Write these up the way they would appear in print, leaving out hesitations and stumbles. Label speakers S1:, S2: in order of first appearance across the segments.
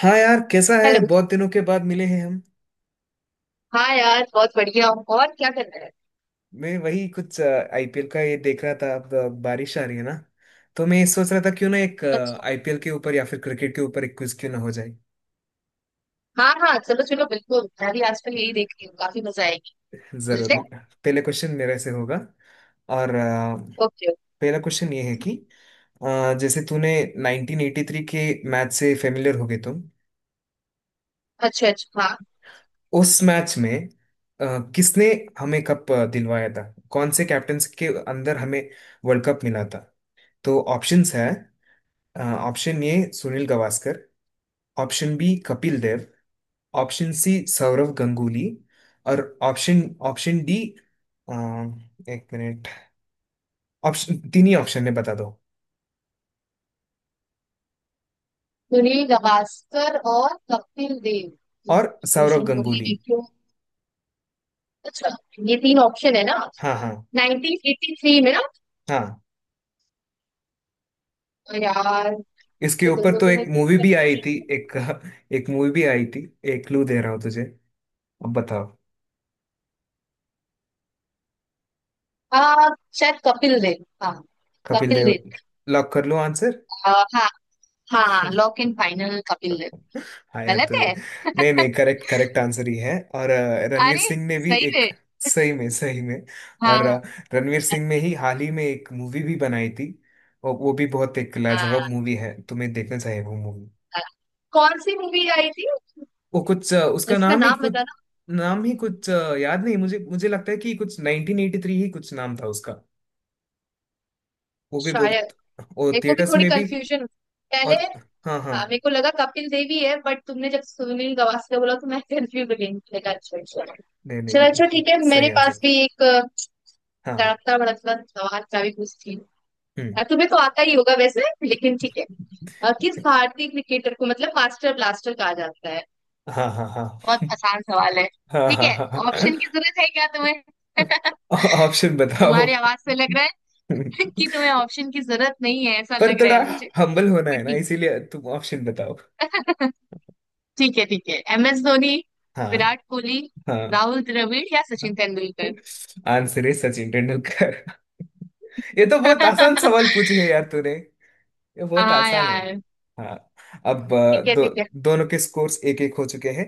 S1: हाँ यार, कैसा है?
S2: हेलो।
S1: बहुत दिनों के बाद मिले हैं हम।
S2: हाँ यार, बहुत बढ़िया हूँ। और क्या कर रहा है?
S1: मैं वही कुछ आईपीएल का ये देख रहा था। अब बारिश आ रही है ना। तो मैं सोच रहा था क्यों ना एक
S2: अच्छा।
S1: आईपीएल के ऊपर या फिर क्रिकेट के ऊपर एक क्विज क्यों ना हो जाए।
S2: हाँ हाँ, चलो चलो, बिल्कुल। मैं भी आजकल यही देख रही हूँ, काफी मजा आएगी। मिलते
S1: जरूर,
S2: हैं?
S1: पहले क्वेश्चन मेरे से होगा। और
S2: ओके।
S1: पहला क्वेश्चन ये है
S2: ओके।
S1: कि जैसे तूने 1983 के मैच से फेमिलियर हो गए तुम।
S2: अच्छा अच्छा, हाँ।
S1: उस मैच में किसने हमें कप दिलवाया था? कौन से कैप्टन के अंदर हमें वर्ल्ड कप मिला था? तो ऑप्शंस है। Option A, Sunil Gavaskar. Option B, Kapil Dev. Option C, Sourav Ganguly. और ऑप्शन ऑप्शन डी। अ, एक मिनट। ऑप्शन तीन ही ऑप्शन है, बता दो।
S2: सुनील गावस्कर और कपिल देव।
S1: और सौरव
S2: सोशल मीडिया
S1: गंगुली।
S2: देखियो। अच्छा, ये तीन ऑप्शन है ना?
S1: हाँ हाँ
S2: 1983 में ना?
S1: हाँ।
S2: तो यार, तो
S1: इसके ऊपर
S2: दोनों
S1: तो
S2: को
S1: एक
S2: मैं कुछ
S1: मूवी भी आई थी,
S2: कंफ्यूजन हूँ।
S1: एक एक मूवी भी आई थी। एक क्लू दे रहा हूँ तुझे, अब बताओ।
S2: हाँ, शायद कपिल देव। हाँ
S1: कपिल
S2: कपिल
S1: देव,
S2: देव।
S1: लॉक कर लो आंसर।
S2: हाँ। हाँ, lock in final Kapil Dev.
S1: हाँ यार,
S2: गलत
S1: तूने।
S2: है?
S1: नहीं नहीं, करेक्ट करेक्ट आंसर ही है। और रणवीर
S2: अरे,
S1: सिंह ने भी
S2: सही
S1: एक।
S2: है।
S1: सही में? सही में।
S2: हाँ
S1: और
S2: हाँ।
S1: रणवीर सिंह ने ही हाल ही में एक मूवी भी बनाई थी। और वो भी बहुत एक लाजवाब
S2: हाँ,
S1: मूवी है, तुम्हें देखना चाहिए वो मूवी।
S2: हाँ। कौन सी मूवी आई थी?
S1: वो कुछ उसका
S2: इसका
S1: नाम ही
S2: नाम
S1: कुछ,
S2: बताना।
S1: नाम ही कुछ याद नहीं। मुझे मुझे लगता है कि कुछ 1983 ही कुछ नाम था उसका। वो भी
S2: शायद
S1: बहुत, वो
S2: मेरे को भी
S1: थिएटर्स
S2: थोड़ी
S1: में भी।
S2: कंफ्यूजन पहले।
S1: और
S2: हाँ,
S1: हाँ हाँ।
S2: मेरे को लगा कपिल देवी है, बट तुमने जब सुनील गावस्कर बोला तो मैं कंफ्यूज हो गई, मुझे लगा अच्छा अच्छा।
S1: नहीं
S2: चलो अच्छा,
S1: नहीं,
S2: ठीक है। मेरे
S1: सही
S2: पास
S1: आंसर।
S2: भी एक
S1: हाँ।
S2: तड़कता भड़कता सवाल का भी कुछ थी।
S1: हम्म।
S2: तुम्हें तो आता ही होगा वैसे, लेकिन ठीक है। किस भारतीय क्रिकेटर को मतलब मास्टर ब्लास्टर कहा जाता है?
S1: हाँ हाँ हाँ
S2: बहुत आसान सवाल है।
S1: हाँ
S2: ठीक
S1: हाँ
S2: है।
S1: हाँ।
S2: ऑप्शन की जरूरत है क्या तुम्हें?
S1: ऑप्शन बताओ।
S2: तुम्हारी आवाज से लग रहा है कि तुम्हें ऑप्शन की जरूरत नहीं है, ऐसा
S1: पर
S2: लग रहा
S1: थोड़ा
S2: है मुझे।
S1: हम्बल होना
S2: पर
S1: है ना,
S2: ठीक।
S1: इसीलिए तुम ऑप्शन बताओ।
S2: ठीक है ठीक है। एम एस धोनी,
S1: हाँ
S2: विराट कोहली,
S1: हाँ।
S2: राहुल द्रविड़ या सचिन तेंदुलकर।
S1: आंसर है सचिन तेंदुलकर। ये तो बहुत आसान सवाल पूछे है यार तूने। ये बहुत
S2: हाँ
S1: आसान है।
S2: यार।
S1: हाँ। अब
S2: ठीक है ठीक है।
S1: दोनों के स्कोर्स एक एक हो चुके हैं।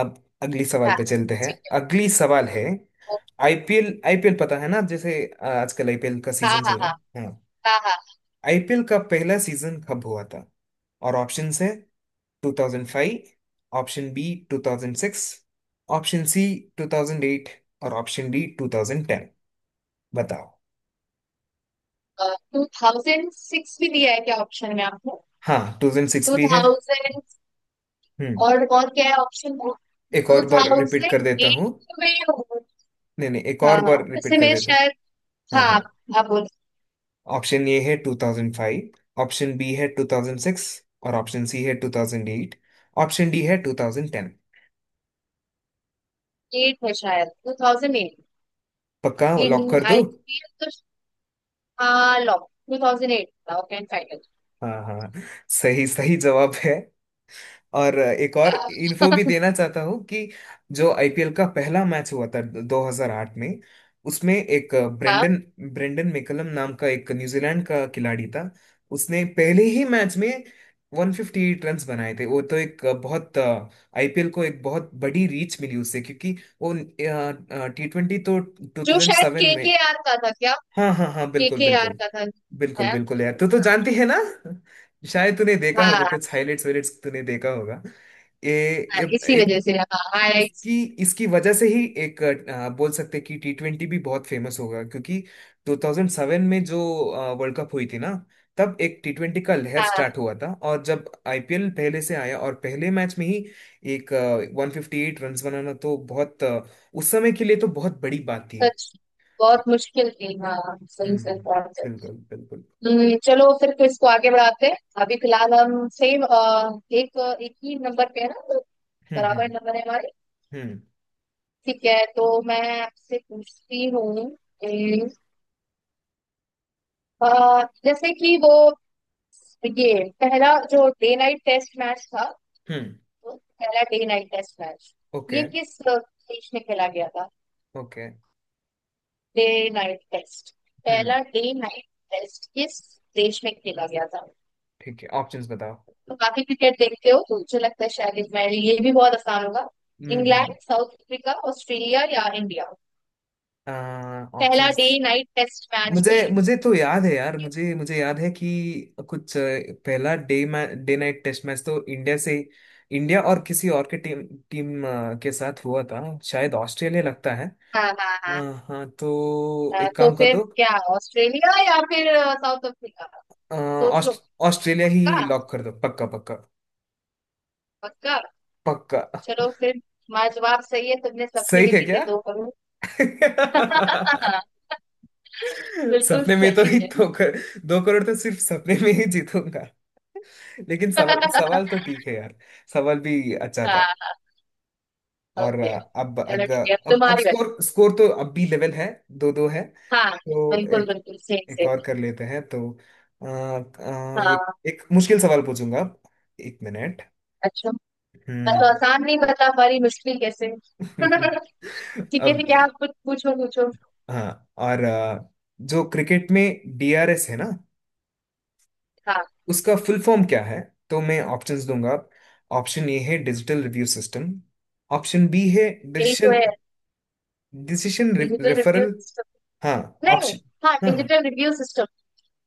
S1: अब अगली सवाल
S2: हाँ।
S1: पे चलते हैं।
S2: ठीक है।
S1: अगली सवाल है
S2: ओ,
S1: आईपीएल। आईपीएल पता है ना? जैसे आजकल आईपीएल का
S2: हाँ
S1: सीजन चल
S2: हाँ
S1: रहा है, हाँ।
S2: हाँ। हाँ,
S1: आईपीएल का पहला सीजन कब हुआ था? और ऑप्शंस है 2005, ऑप्शन बी 2006, ऑप्शन सी 2008, और ऑप्शन डी 2010। बताओ।
S2: हाँ 2006 भी दिया है क्या ऑप्शन में आपको?
S1: हाँ, 2006
S2: टू
S1: भी है।
S2: थाउजेंड
S1: हम्म।
S2: और क्या है ऑप्शन में?
S1: एक
S2: टू
S1: और बार रिपीट
S2: थाउजेंड
S1: कर देता हूँ।
S2: एट में
S1: नहीं नहीं, एक और
S2: हाँ हाँ,
S1: बार रिपीट
S2: वैसे
S1: कर
S2: मैं
S1: देता हूँ।
S2: शायद,
S1: हाँ
S2: हाँ,
S1: हाँ।
S2: आप बोल।
S1: ऑप्शन ए है 2005, ऑप्शन बी है 2006, और ऑप्शन सी है 2008, ऑप्शन डी है 2010।
S2: एट है, शायद 2008
S1: पक्का लॉक
S2: इन
S1: कर दो।
S2: आईपीएल तो। हाँ, लॉक 2008 था, ओके एंड फाइनल।
S1: हाँ हाँ, सही सही जवाब है। और एक और इन्फो भी देना चाहता हूँ कि जो आईपीएल का पहला मैच हुआ था 2008 में, उसमें एक
S2: हाँ
S1: ब्रेंडन ब्रेंडन मैकलम नाम का एक न्यूजीलैंड का खिलाड़ी था। उसने पहले ही मैच में 158 रन्स बनाए थे। वो तो एक बहुत, आईपीएल को एक बहुत बड़ी रीच मिली उससे क्योंकि वो टी ट्वेंटी तो
S2: जो शायद
S1: 2007 में।
S2: के आर का था क्या?
S1: हाँ हाँ हाँ, बिल्कुल
S2: के आर
S1: बिल्कुल
S2: का था,
S1: बिल्कुल
S2: है।
S1: बिल्कुल यार, तू तो जानती है ना। शायद तूने देखा होगा
S2: हाँ
S1: कुछ हाइलाइट्स वाइलाइट्स तूने देखा होगा। ए,
S2: हाँ,
S1: ए,
S2: इसी
S1: एक।
S2: वजह से। हाँ, हाँ
S1: इसकी इसकी वजह से ही एक बोल सकते हैं कि टी ट्वेंटी भी बहुत फेमस होगा क्योंकि 2007 में जो वर्ल्ड कप हुई थी ना, तब एक टी ट्वेंटी का लहर स्टार्ट
S2: हाँ।
S1: हुआ था और जब आईपीएल पहले से आया और पहले मैच में ही एक 158 रन बनाना तो बहुत उस समय के लिए तो बहुत बड़ी बात थी।
S2: सच, बहुत मुश्किल थी हाँ,
S1: हम्म
S2: सही से
S1: हम्म,
S2: बात है।
S1: बिल्कुल बिल्कुल।
S2: चलो फिर तो इसको आगे बढ़ाते हैं। अभी फिलहाल हम सेम एक एक ही नंबर पे है ना, तो
S1: हम्म हम्म
S2: बराबर नंबर है हमारे।
S1: हम्म
S2: ठीक है, तो मैं आपसे पूछती हूँ। अ, जैसे कि वो, ये पहला जो डे नाइट टेस्ट मैच था,
S1: हम्म।
S2: वो पहला day night test match,
S1: okay.
S2: ये किस देश में खेला गया था?
S1: ओके।
S2: डे नाइट टेस्ट,
S1: हम्म।
S2: पहला डे नाइट टेस्ट किस देश में खेला गया था?
S1: ठीक है, ऑप्शंस बताओ।
S2: तो काफी क्रिकेट देखते हो, तो मुझे लगता है शायद मैं, ये भी बहुत आसान होगा। इंग्लैंड,
S1: हम्म।
S2: साउथ अफ्रीका, ऑस्ट्रेलिया या इंडिया? पहला day
S1: options.
S2: Night test match
S1: मुझे
S2: की।
S1: मुझे तो याद है यार, मुझे मुझे याद है कि कुछ पहला day day night test match तो इंडिया से, इंडिया और किसी और के टीम टीम के साथ हुआ था, शायद ऑस्ट्रेलिया लगता है।
S2: हाँ हाँ हाँ।
S1: हाँ हाँ, तो एक
S2: तो
S1: काम कर
S2: फिर
S1: दो।
S2: क्या ऑस्ट्रेलिया या फिर साउथ अफ्रीका?
S1: अ,
S2: सोच लो।
S1: ऑस्ट- ऑस्ट्रेलिया ही
S2: पक्का
S1: लॉक कर दो, पक्का पक्का।
S2: पक्का।
S1: पक्का।
S2: चलो फिर, हमारा जवाब सही है, तुमने सपने
S1: सही
S2: में
S1: है
S2: जीते
S1: क्या?
S2: 2 करोड़। बिल्कुल
S1: सपने में तो
S2: सही
S1: ही
S2: है।
S1: 2 करोड़ तो सिर्फ सपने में ही जीतूंगा। लेकिन सवाल, सवाल तो ठीक है यार। सवाल भी अच्छा था।
S2: हाँ।
S1: और
S2: ओके।
S1: अब
S2: चलो
S1: अब।
S2: ठीक है, अब
S1: अब
S2: तुम्हारी बारी।
S1: स्कोर स्कोर तो अब भी लेवल है, दो दो है।
S2: हाँ।
S1: तो
S2: बिल्कुल
S1: एक
S2: बिल्कुल, सेम
S1: एक और
S2: सेम।
S1: कर लेते हैं तो। अ, एक
S2: हाँ।
S1: एक मुश्किल सवाल पूछूंगा अब। एक मिनट।
S2: अच्छा। मैं तो
S1: हम्म।
S2: आसान नहीं बता पा रही, मुश्किल कैसे? ठीक है
S1: अब,
S2: ठीक है, आप कुछ पूछो पूछो।
S1: हाँ और जो क्रिकेट में डीआरएस है ना,
S2: हाँ।
S1: उसका फुल फॉर्म क्या है? तो मैं ऑप्शंस दूंगा। ऑप्शन ए है digital review system. Option B है
S2: यही तो
S1: डिसीशन
S2: है,
S1: decision
S2: digital review
S1: referral.
S2: System.
S1: हाँ,
S2: नहीं।
S1: ऑप्शन।
S2: हाँ,
S1: हाँ हाँ
S2: डिजिटल रिव्यू सिस्टम।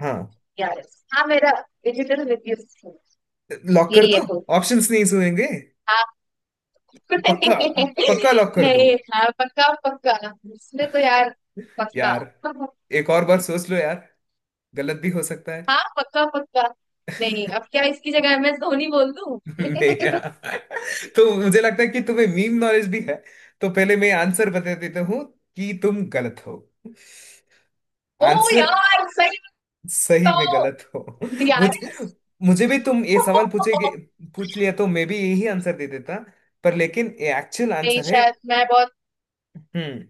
S1: हाँ,
S2: यार, हाँ मेरा, डिजिटल रिव्यू सिस्टम,
S1: लॉक कर
S2: यही है
S1: दो।
S2: तो।
S1: ऑप्शंस नहीं सुनेंगे।
S2: हाँ,
S1: पक्का। पक्का लॉक कर दो
S2: नहीं हाँ पक्का पक्का। इसमें तो यार, पक्का।
S1: यार, एक और बार सोच लो यार, गलत भी हो सकता है।
S2: हाँ पक्का पक्का। नहीं, अब क्या इसकी जगह एम एस धोनी बोल दूं?
S1: नहीं यार, तो मुझे लगता है कि तुम्हें मीम नॉलेज भी है। तो पहले मैं आंसर बता देता हूँ कि तुम गलत हो।
S2: ओ
S1: आंसर,
S2: यार, सही
S1: सही में
S2: बताओ
S1: गलत हो। मुझ
S2: डीआरएस।
S1: मुझे भी तुम ये सवाल पूछेगे, पूछ लिया तो मैं भी यही आंसर दे देता। पर लेकिन ये एक्चुअल
S2: नहीं
S1: आंसर है।
S2: शायद मैं बहुत
S1: हम्म।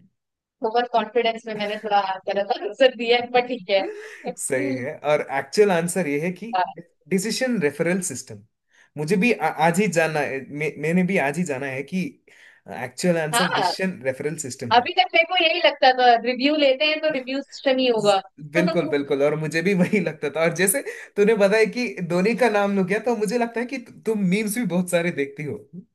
S2: ओवर कॉन्फिडेंस में मैंने थोड़ा गलत आंसर दिया है, पर ठीक है।
S1: सही है। और एक्चुअल आंसर ये है कि डिसीजन रेफरल सिस्टम। मुझे भी आज ही जाना है, मैंने भी आज ही जाना है कि एक्चुअल
S2: हाँ,
S1: आंसर
S2: हाँ,
S1: डिसीजन रेफरल सिस्टम है।
S2: अभी तक मेरे को यही लगता था, रिव्यू लेते हैं तो रिव्यू सिस्टम ही
S1: ज-
S2: होगा।
S1: बिल्कुल बिल्कुल। और मुझे भी वही लगता था। और जैसे तूने बताया कि धोनी का नाम लग गया, तो मुझे लगता है कि तुम मीम्स भी बहुत सारे देखती हो।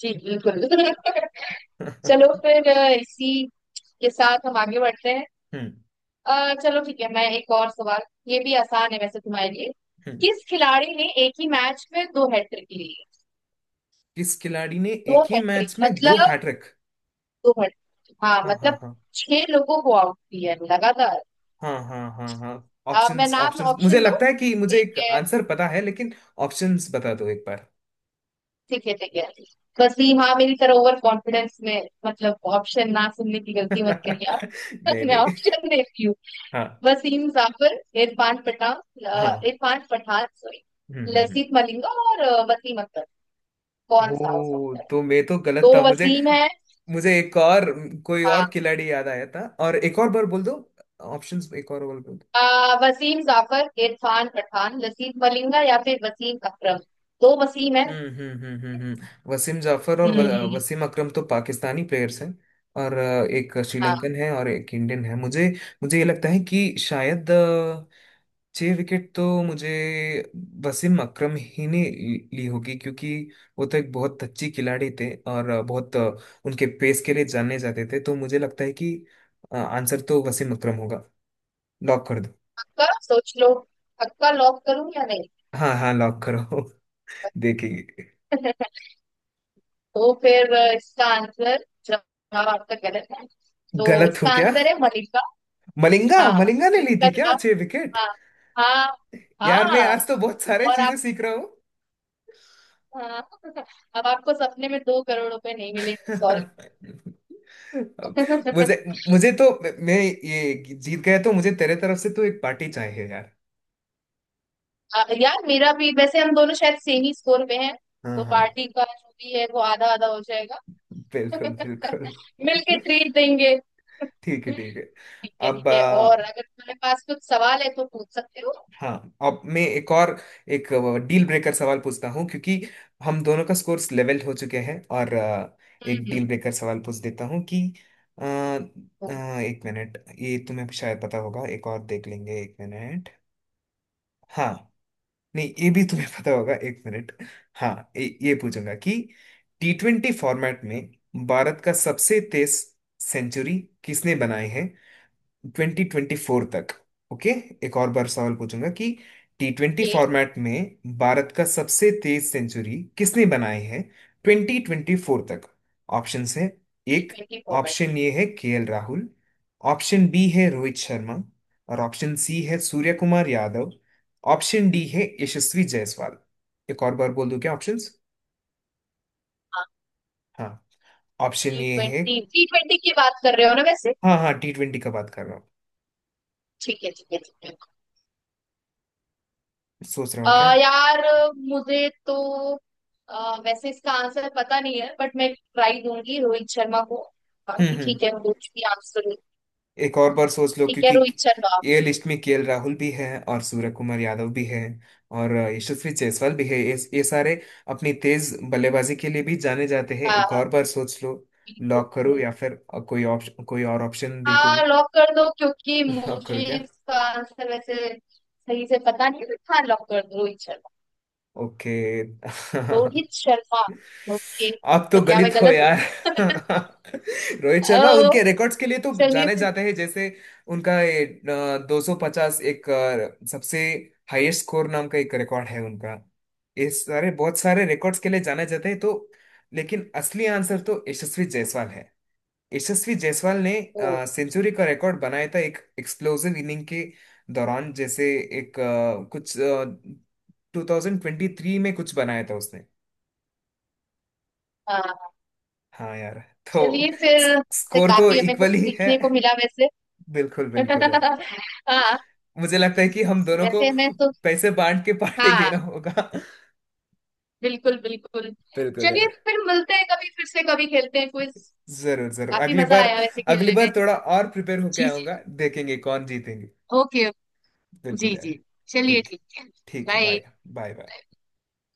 S2: जी बिल्कुल।
S1: हम्म
S2: चलो फिर इसी के साथ हम आगे बढ़ते हैं।
S1: हम्म।
S2: चलो ठीक है, मैं एक और सवाल, ये भी आसान है वैसे तुम्हारे लिए। किस खिलाड़ी ने एक ही मैच में दो हैट्रिक ली है?
S1: किस खिलाड़ी ने
S2: दो
S1: एक ही
S2: हैट्रिक
S1: मैच में दो
S2: मतलब,
S1: हैट्रिक?
S2: दो हैट्रिक हाँ,
S1: हाँ हाँ
S2: मतलब
S1: हाँ
S2: छह लोगों को आउट किया है लगातार।
S1: हाँ हाँ हाँ हाँ।
S2: मैं
S1: ऑप्शंस
S2: नाम
S1: ऑप्शंस मुझे
S2: ऑप्शन दूं,
S1: लगता है कि मुझे
S2: ठीक
S1: एक
S2: है
S1: आंसर पता है, लेकिन ऑप्शंस बता दो एक बार।
S2: ठीक है ठीक है। वसीम, हाँ मेरी तरह ओवर कॉन्फिडेंस में मतलब ऑप्शन ना सुनने की गलती मत करिए आप।
S1: नहीं
S2: मैं
S1: नहीं।
S2: ऑप्शन देती हूँ।
S1: हाँ।
S2: वसीम जाफर, इरफान पठान,
S1: हाँ।
S2: इरफान पठान सॉरी,
S1: हम्म हम्म हम्म।
S2: लसीत मलिंगा और वसीम अख्तर। कौन सा हो
S1: ओ,
S2: सकता है?
S1: तो मैं तो गलत
S2: तो
S1: था। मुझे
S2: वसीम है।
S1: मुझे एक और कोई
S2: हाँ,
S1: और खिलाड़ी याद आया था, और एक और बार बोल दो। ऑप्शंस एक और बार बोल दो।
S2: वसीम जाफर, इरफान पठान, लसीत मलिंगा या फिर वसीम अकरम। दो वसीम है।
S1: वसीम जाफर और
S2: हम्म।
S1: वसीम अकरम तो पाकिस्तानी प्लेयर्स हैं। और एक
S2: हाँ
S1: श्रीलंकन है और एक इंडियन है। मुझे मुझे ये लगता है कि शायद छह विकेट तो मुझे वसीम अकरम ही ने ली ली होगी क्योंकि वो तो एक बहुत अच्छी खिलाड़ी थे और बहुत उनके पेस के लिए जाने जाते थे, तो मुझे लगता है कि आंसर तो वसीम अकरम होगा। लॉक कर दो।
S2: पक्का, सोच लो पक्का। लॉक करूं या नहीं?
S1: हाँ हाँ, लॉक करो। देखेंगे।
S2: तो फिर इसका आंसर, जवाब आपका गलत है। तो
S1: गलत हूँ
S2: इसका
S1: क्या?
S2: आंसर है मलिका।
S1: मलिंगा,
S2: हाँ,
S1: मलिंगा ने ली
S2: इसका
S1: थी क्या
S2: जवाब,
S1: छह विकेट?
S2: हाँ हाँ
S1: यार मैं
S2: हाँ।
S1: आज तो बहुत सारे
S2: और आप?
S1: चीजें सीख रहा हूँ।
S2: हाँ। अब आपको सपने में 2 करोड़ रुपए नहीं मिलेंगे, सॉरी।
S1: अब मुझे मुझे तो, मैं ये जीत गया तो मुझे तेरे तरफ से तो एक पार्टी चाहिए यार।
S2: यार मेरा भी वैसे, हम दोनों शायद सेम ही स्कोर पे हैं,
S1: हाँ
S2: तो
S1: हाँ।
S2: पार्टी का जो भी है वो आधा आधा हो जाएगा।
S1: बिल्कुल बिल्कुल।
S2: मिलके ट्रीट देंगे।
S1: ठीक है, ठीक है।
S2: ठीक है ठीक
S1: अब
S2: है, और अगर तुम्हारे पास कुछ सवाल है तो पूछ सकते हो।
S1: हाँ, अब मैं एक और एक डील ब्रेकर सवाल पूछता हूँ क्योंकि हम दोनों का स्कोर्स लेवल हो चुके हैं, और एक
S2: हम्म।
S1: डील ब्रेकर सवाल पूछ देता हूँ कि अ, अ, एक मिनट, ये तुम्हें शायद पता होगा, एक और देख लेंगे। एक मिनट। हाँ। नहीं, ये भी तुम्हें पता होगा। एक मिनट। हाँ, ये पूछूंगा कि टी ट्वेंटी फॉर्मेट में भारत का सबसे तेज सेंचुरी किसने बनाई है, 2024 तक? ओके। एक और बार सवाल पूछूंगा कि टी ट्वेंटी
S2: ओके।
S1: फॉर्मेट में भारत का सबसे तेज सेंचुरी किसने बनाई है, ट्वेंटी ट्वेंटी फोर तक? ऑप्शंस हैं
S2: टी
S1: एक,
S2: ट्वेंटी फॉर्मेट में?
S1: ऑप्शन ए है K L Rahul, option B है रोहित शर्मा, और ऑप्शन सी है सूर्य कुमार यादव, ऑप्शन डी है यशस्वी जायसवाल। एक और बार बोल दूं क्या ऑप्शंस?
S2: हाँ,
S1: हाँ। ऑप्शन
S2: टी
S1: ए है।
S2: ट्वेंटी T20 की बात कर रहे हो ना वैसे?
S1: हाँ हाँ, टी ट्वेंटी का बात कर रहा हूँ।
S2: ठीक है ठीक है ठीक है।
S1: सोच रहा
S2: अ,
S1: हूँ क्या।
S2: यार, मुझे तो, अ, वैसे इसका आंसर पता नहीं है, बट मैं ट्राई दूंगी रोहित शर्मा को, बाकी
S1: हम्म।
S2: ठीक है कुछ भी आंसर हो।
S1: एक और
S2: तो,
S1: बार सोच लो
S2: ठीक है,
S1: क्योंकि
S2: रोहित शर्मा।
S1: ये लिस्ट में केएल राहुल भी है, और सूर्य कुमार यादव भी है, और यशस्वी जायसवाल भी है। ये सारे अपनी तेज बल्लेबाजी के लिए भी जाने जाते हैं,
S2: हाँ
S1: एक
S2: हाँ,
S1: और बार सोच लो।
S2: बिल्कुल।
S1: लॉक करो या फिर कोई और ऑप्शन
S2: हाँ
S1: देखोगे?
S2: लॉक कर दो, क्योंकि
S1: लॉक
S2: मुझे
S1: करो क्या?
S2: इसका आंसर वैसे सही से पता नहीं है, but हाँ लॉक कर दो, रोहित शर्मा।
S1: ओके।
S2: रोहित शर्मा। ओके,
S1: आप तो
S2: तो क्या मैं
S1: गलत हो
S2: गलत हूँ?
S1: यार। रोहित
S2: ओ,
S1: शर्मा उनके रिकॉर्ड्स के लिए तो
S2: चलिए
S1: जाने
S2: फिर।
S1: जाते हैं, जैसे उनका ये 250 एक सबसे हाईएस्ट स्कोर नाम का एक रिकॉर्ड है उनका। ये सारे बहुत सारे रिकॉर्ड्स के लिए जाने जाते हैं, तो लेकिन असली आंसर तो यशस्वी जायसवाल है। यशस्वी जायसवाल ने
S2: ओ।
S1: सेंचुरी का रिकॉर्ड बनाया था एक एक्सप्लोसिव इनिंग के दौरान, जैसे एक कुछ 2023 में कुछ बनाया था उसने।
S2: हाँ।
S1: हाँ यार, तो
S2: चलिए फिर से,
S1: स्कोर तो
S2: काफी हमें
S1: इक्वल
S2: कुछ
S1: ही है।
S2: सीखने को मिला वैसे।
S1: बिल्कुल बिल्कुल यार।
S2: हाँ
S1: मुझे लगता है कि हम दोनों को
S2: वैसे मैं तो,
S1: पैसे बांट के पार्टी
S2: हाँ
S1: देना होगा।
S2: बिल्कुल बिल्कुल।
S1: बिल्कुल
S2: चलिए
S1: यार।
S2: फिर, मिलते हैं कभी फिर से, कभी खेलते हैं क्विज।
S1: जरूर जरूर,
S2: काफी
S1: अगली
S2: मजा
S1: बार,
S2: आया वैसे
S1: अगली
S2: खेलने में।
S1: बार थोड़ा और प्रिपेयर होके
S2: जी जी।
S1: आऊंगा। देखेंगे कौन जीतेंगे।
S2: ओके।
S1: बिल्कुल
S2: जी
S1: यार।
S2: जी। चलिए
S1: ठीक,
S2: ठीक है।
S1: ठीक है,
S2: बाय।
S1: Bye bye bye.